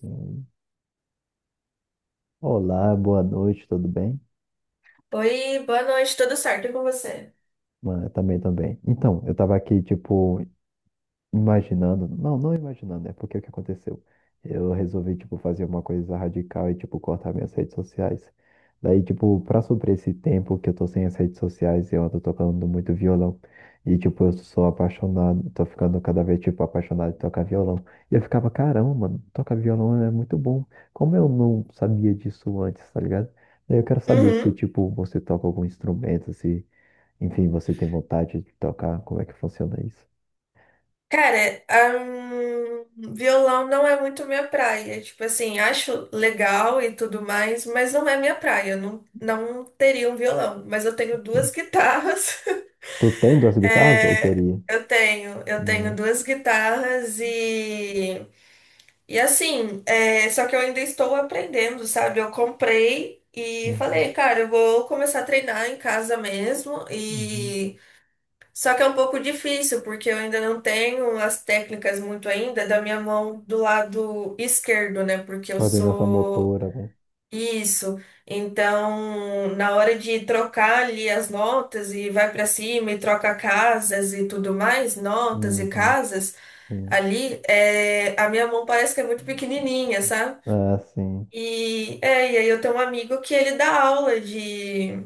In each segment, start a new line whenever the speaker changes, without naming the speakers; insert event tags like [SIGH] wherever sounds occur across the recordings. Sim. Olá, boa noite, tudo bem?
Oi, boa noite, tudo certo e com você?
Mano, eu também, também. Eu tava aqui, imaginando. Não imaginando, é porque o que aconteceu? Eu resolvi, fazer uma coisa radical e, cortar minhas redes sociais. Pra suprir esse tempo que eu tô sem as redes sociais, eu ando tocando muito violão. E, eu sou apaixonado, tô ficando cada vez, apaixonado de tocar violão. E eu ficava, caramba, mano, tocar violão é muito bom. Como eu não sabia disso antes, tá ligado? Daí eu quero saber se,
Uhum.
você toca algum instrumento, se, enfim, você tem vontade de tocar, como é que funciona isso?
Cara, violão não é muito minha praia. Tipo assim, acho legal e tudo mais, mas não é minha praia. Eu não teria um violão, mas eu tenho duas guitarras. [LAUGHS]
Tu tem duas guitarras ou
É,
teria?
eu tenho
Não.
duas guitarras e assim, só que eu ainda estou aprendendo, sabe? Eu comprei e
Uhum,
falei, cara, eu vou começar a treinar em casa mesmo.
uhum.
E só que é um pouco difícil, porque eu ainda não tenho as técnicas muito ainda da minha mão do lado esquerdo, né? Porque eu
Coordenação
sou
motora, né?
isso. Então, na hora de trocar ali as notas e vai para cima e troca casas e tudo mais, notas e
Uhum,
casas,
sim.
ali, a minha mão parece que é muito pequenininha, sabe?
Ah, sim.
E, e aí eu tenho um amigo que ele dá aula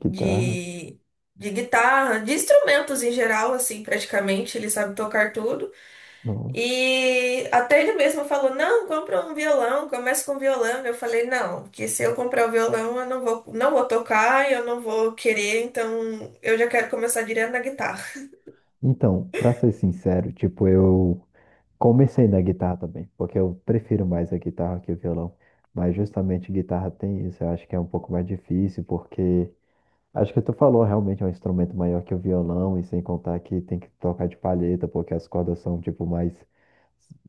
Guitarra.
de, de guitarra, de instrumentos em geral, assim, praticamente, ele sabe tocar tudo.
Nossa.
E até ele mesmo falou: não, compra um violão, começa com violão. Eu falei: não, que se eu comprar o violão, eu não vou tocar, eu não vou querer, então eu já quero começar direto na guitarra.
Então, pra ser sincero, eu comecei na guitarra também, porque eu prefiro mais a guitarra que o violão. Mas justamente guitarra tem isso, eu acho que é um pouco mais difícil, porque acho que tu falou, realmente é um instrumento maior que o violão, e sem contar que tem que tocar de palheta, porque as cordas mais,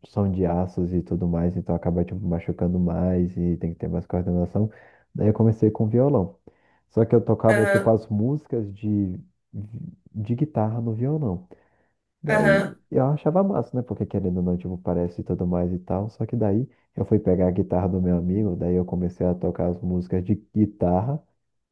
são de aços e tudo mais, então acaba machucando mais e tem que ter mais coordenação. Daí eu comecei com violão. Só que eu tocava tipo
Aham,
as músicas de guitarra no violão. Daí
aham,
eu achava massa, né? Porque querendo ou não, parece e tudo mais e tal. Só que daí eu fui pegar a guitarra do meu amigo, daí eu comecei a tocar as músicas de guitarra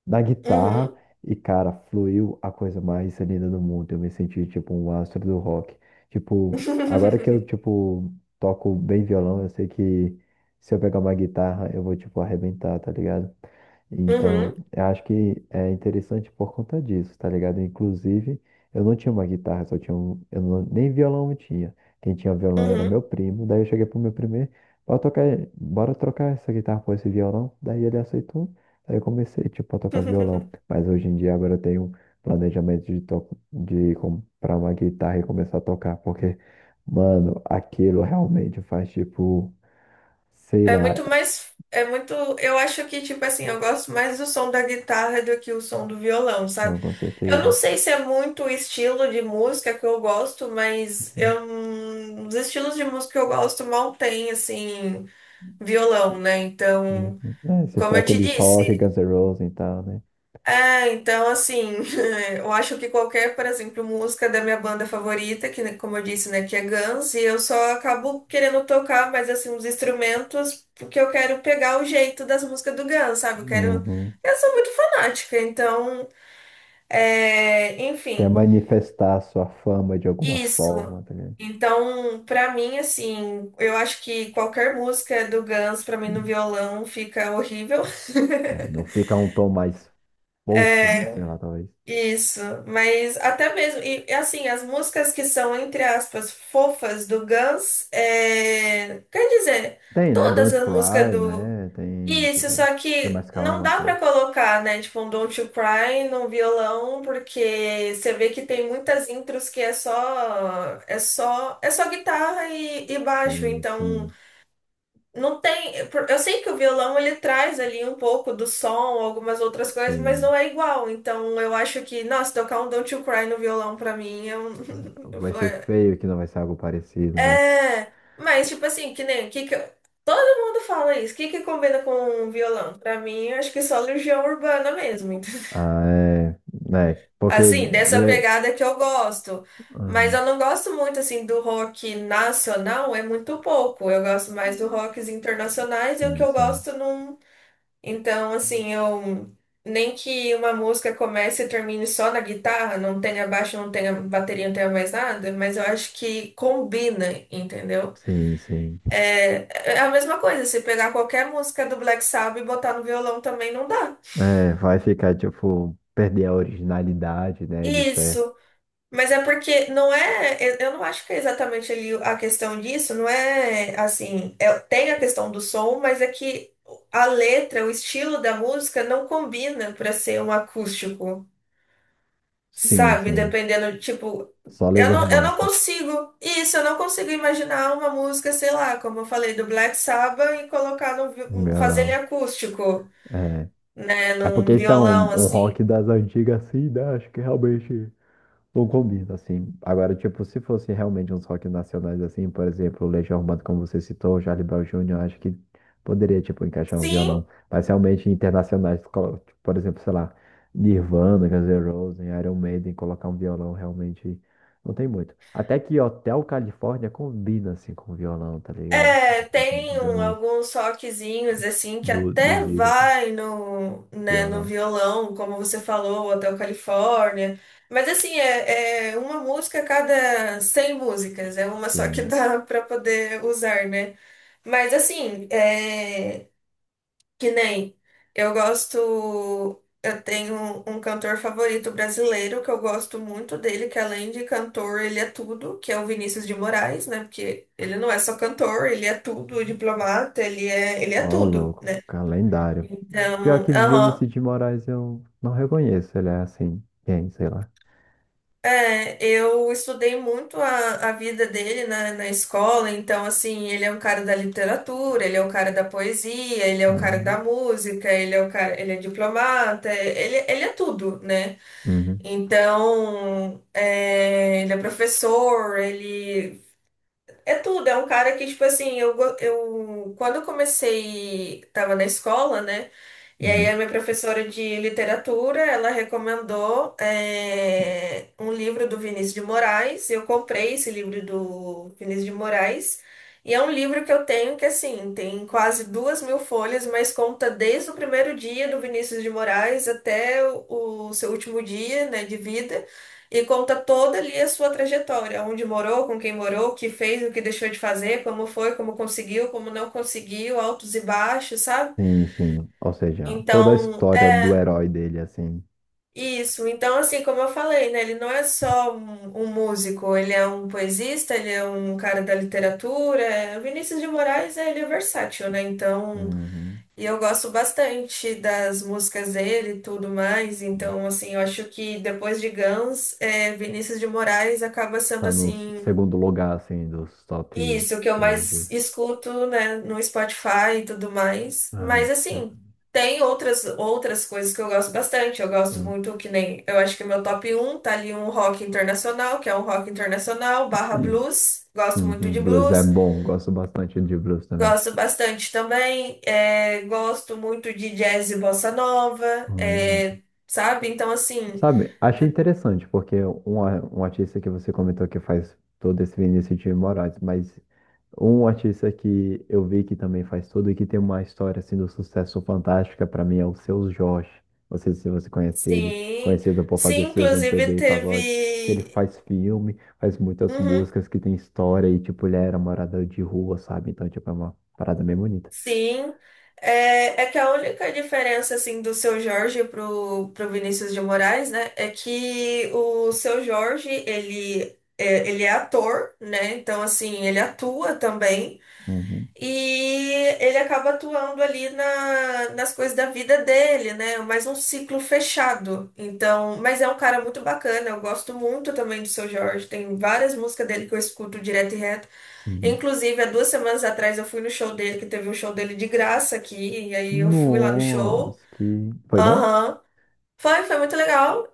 da guitarra
uhum,
e, cara, fluiu a coisa mais linda do mundo. Eu me senti tipo um astro do rock. Tipo, Agora que eu
[LAUGHS]
toco bem violão, eu sei que se eu pegar uma guitarra, eu vou tipo arrebentar, tá ligado? Então,
uhum,
eu acho que é interessante por conta disso, tá ligado? Inclusive, eu não tinha uma guitarra, só tinha eu nem violão eu tinha. Quem tinha violão era
uhum.
meu primo. Daí eu cheguei pro meu primo, bora tocar, bora trocar essa guitarra por esse violão. Daí ele aceitou. Aí eu comecei, a tocar violão.
[LAUGHS]
Mas hoje em dia agora eu tenho um planejamento de comprar uma guitarra e começar a tocar. Porque, mano, aquilo realmente faz, sei
É
lá.
muito mais. É muito. Eu acho que, tipo assim, eu gosto mais do som da guitarra do que o som do violão,
Não,
sabe?
com
Eu não
certeza.
sei se é muito o estilo de música que eu gosto, mas
Uhum.
os estilos de música que eu gosto mal tem, assim, violão, né? Então,
É, se for
como eu te
aqueles rock,
disse.
Guns N' Roses e tal, né?
É, então, assim, [LAUGHS] eu acho que qualquer, por exemplo, música da minha banda favorita, que, né, como eu disse, né, que é Guns, e eu só acabo querendo tocar, mas, assim, os instrumentos, porque eu quero pegar o jeito das músicas do Guns, sabe? Eu quero...
Uhum.
Eu sou muito fanática, então,
Quer
enfim,
manifestar sua fama de alguma
isso.
forma, tá ligado?
Então, pra mim, assim, eu acho que qualquer música do Guns, pra mim, no
Uhum.
violão, fica horrível.
É, não
[LAUGHS]
fica um tom mais fofo, né? Sei lá, talvez.
Isso, mas até mesmo, assim, as músicas que são, entre aspas, fofas do Guns, quer dizer,
Tem, né?
todas
Don't
as músicas
Cry,
do.
né? Tem,
Isso, só
que é
que
mais
não
calma,
dá
tá?
pra colocar, né, tipo, um Don't You Cry no violão, porque você vê que tem muitas intros que é só guitarra e baixo,
Sim,
então.
sim,
Não tem. Eu sei que o violão ele traz ali um pouco do som, algumas outras coisas, mas
sim.
não é igual. Então eu acho que, nossa, tocar um Don't You Cry no violão pra mim é um. [LAUGHS] Eu
Vai
falo,
ser feio que não vai ser algo parecido, né?
é, mas tipo assim, que nem. Todo mundo fala isso. O que que combina com um violão? Pra mim, eu acho que só Legião Urbana mesmo. [LAUGHS] Entendeu?
Ah, é, né?
Assim, dessa pegada que eu gosto.
Ah,
Mas eu não gosto muito assim do rock nacional, é muito pouco. Eu gosto mais do rocks internacionais e o que
sim,
eu
sim,
gosto não. Então, assim, eu nem que uma música comece e termine só na guitarra, não tenha baixo, não tenha bateria, não tenha mais nada, mas eu acho que combina, entendeu?
sim, sim.
É a mesma coisa, se pegar qualquer música do Black Sabbath e botar no violão também não dá.
É, vai ficar, perder a originalidade, né? De certo.
Isso, mas é porque não é, eu não acho que é exatamente ali a questão disso, não é assim, tem a questão do som, mas é que a letra, o estilo da música não combina para ser um acústico.
Sim,
Sabe,
sim.
dependendo, tipo,
Só Legião
eu
Urbana,
não
sim.
consigo, isso, eu não consigo imaginar uma música, sei lá, como eu falei, do Black Sabbath e colocar no, fazer ele
Violão.
acústico,
É.
né,
É porque
num
esse é
violão,
um
assim.
rock das antigas, assim, né? Acho que realmente não combina, assim. Agora, se fosse realmente uns rock nacionais, assim, por exemplo, Legião Urbana, como você citou, Charlie Brown Jr., acho que poderia, encaixar um
Sim,
violão. Mas realmente internacionais, por exemplo, sei lá, Nirvana, Guns N' Roses, Iron Maiden, colocar um violão realmente não tem muito. Até que Hotel Califórnia combina, assim, com violão, tá ligado? Depende
tem
de alguns
alguns rockzinhos, assim, que
dos
até
Eagles, né?
vai no, né, no
Violão.
violão, como você falou, Hotel Califórnia, mas assim, é uma música a cada 100 músicas, é uma só que
Sim.
dá [LAUGHS] pra poder usar, né? Mas assim, que nem eu gosto. Eu tenho um cantor favorito brasileiro que eu gosto muito dele, que além de cantor, ele é tudo, que é o Vinícius de Moraes, né? Porque ele não é só cantor, ele é tudo, diplomata, ele é
Ó,
tudo.
louco, calendário. Pior
Então,
que
aham.
Vinícius de Moraes eu não reconheço, ele é assim, quem, sei lá.
É, eu estudei muito a vida dele na escola, então, assim, ele é um cara da literatura, ele é um cara da poesia, ele é
Tá
um cara
vendo?
da música, ele é um cara, ele é diplomata, ele é tudo, né?
Uhum,
Então, ele é professor, ele é tudo, é um cara que, tipo assim, eu quando eu comecei, tava na escola, né? E aí a
uhum.
minha professora de literatura, ela recomendou um livro do Vinícius de Moraes. Eu comprei esse livro do Vinícius de Moraes. E é um livro que eu tenho que, assim, tem quase duas mil folhas, mas conta desde o primeiro dia do Vinícius de Moraes até o seu último dia, né, de vida. E conta toda ali a sua trajetória, onde morou, com quem morou, o que fez, o que deixou de fazer, como foi, como conseguiu, como não conseguiu, altos e baixos, sabe?
Sim, sim. Ou seja, toda a
Então,
história do
é
herói dele, assim.
isso. Então, assim, como eu falei, né? Ele não é só um músico, ele é um poesista, ele é um cara da literatura. O Vinícius de Moraes, ele é versátil, né? Então,
Uhum,
e eu gosto bastante das músicas dele e tudo mais.
uhum.
Então, assim, eu acho que depois de Guns, Vinícius de Moraes acaba sendo
Tá no
assim.
segundo lugar, assim, dos top
Isso, o que eu
3 aqui.
mais escuto, né, no Spotify e tudo mais. Mas
Ai, é.
assim, tem outras coisas que eu gosto bastante. Eu gosto
Hum.
muito que nem, eu acho que meu top um tá ali um rock internacional, que é um rock internacional barra
Uhum.
blues. Gosto muito
Uhum.
de
Blues é
blues.
bom, gosto bastante de blues também.
Gosto bastante também. Gosto muito de jazz e bossa nova,
Uhum.
sabe? Então assim,
Sabe, achei interessante, porque um artista que você comentou que faz todo esse Vinícius de Moraes, mas um artista que eu vi que também faz tudo e que tem uma história assim do sucesso fantástica para mim é o Seu Jorge. Não sei se você conhece ele,
sim,
conhecido por
sim,
fazer seus
inclusive
MPB e pagode, que ele
teve
faz filme, faz muitas
uhum.
músicas que tem história e tipo ele era morador de rua, sabe? Então tipo é uma parada bem bonita.
Sim, é que a única diferença assim do seu Jorge pro Vinícius de Moraes, né, é que o seu Jorge, ele é ator, né? Então assim, ele atua também
Uhum,
e ele acaba atuando ali na, nas coisas da vida dele, né? Mais um ciclo fechado. Então, mas é um cara muito bacana, eu gosto muito também do seu Jorge, tem várias músicas dele que eu escuto direto e reto.
uhum.
Inclusive, há duas semanas atrás eu fui no show dele, que teve um show dele de graça aqui, e aí eu fui lá no show.
Nossa, que foi bom?
Aham. Foi muito legal.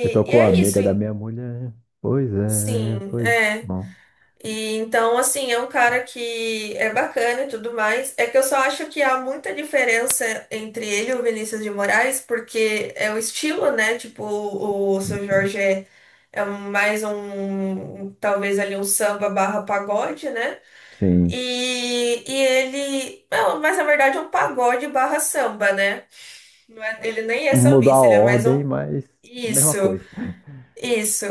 Você
e
tocou a
é isso,
amiga da
hein?
minha mulher? Pois é,
Sim,
pois é.
é.
Bom,
E então, assim, é um cara que é bacana e tudo mais. É que eu só acho que há muita diferença entre ele e o Vinícius de Moraes, porque é o estilo, né? Tipo, o Seu
gente,
Jorge é, é mais talvez ali um samba barra pagode, né?
sim.
E ele. Não, mas na verdade é um pagode barra samba, né? Não ele nem é
Mudou a
sambista, ele é mais um.
ordem, mas mesma
Isso,
coisa. [LAUGHS]
isso.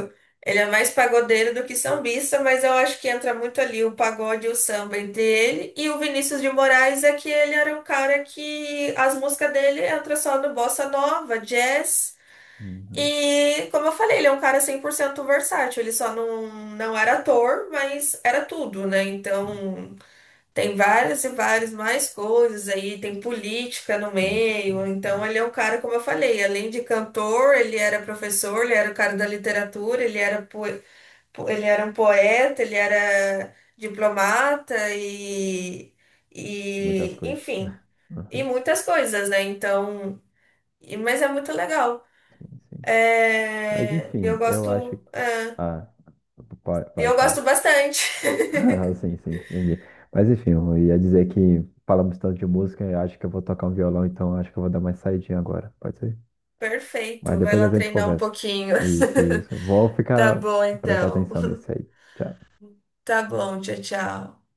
Ele é mais pagodeiro do que sambista, mas eu acho que entra muito ali o pagode e o samba entre ele. E o Vinícius de Moraes é que ele era um cara que as músicas dele entram só no bossa nova, jazz.
Uhum,
E, como eu falei, ele é um cara 100% versátil. Ele só não era ator, mas era tudo, né?
sim,
Então. Tem várias e várias mais coisas aí, tem política no
sim,
meio.
sim,
Então,
sim.
ele é um cara, como eu falei, além de cantor, ele era professor, ele era o cara da literatura, ele era, ele era um poeta, ele era diplomata
Muitas coisas.
enfim, e
Uhum,
muitas coisas, né? Então, mas é muito legal.
sim, sim. Mas
É,
enfim, eu acho que. Ah, vai, vai,
eu gosto
fala. [LAUGHS]
bastante.
Ah,
[LAUGHS]
sim, sim, entendi. Mas enfim, eu ia dizer que falamos tanto de música, eu acho que eu vou tocar um violão, então eu acho que eu vou dar mais saidinha agora. Pode ser? Mas
Perfeito, vai
depois a
lá
gente
treinar um
conversa.
pouquinho.
Isso,
[LAUGHS]
isso. Vou
Tá
ficar
bom,
prestar
então.
atenção
[LAUGHS]
nesse aí. Tchau.
Tá bom, tchau, tchau.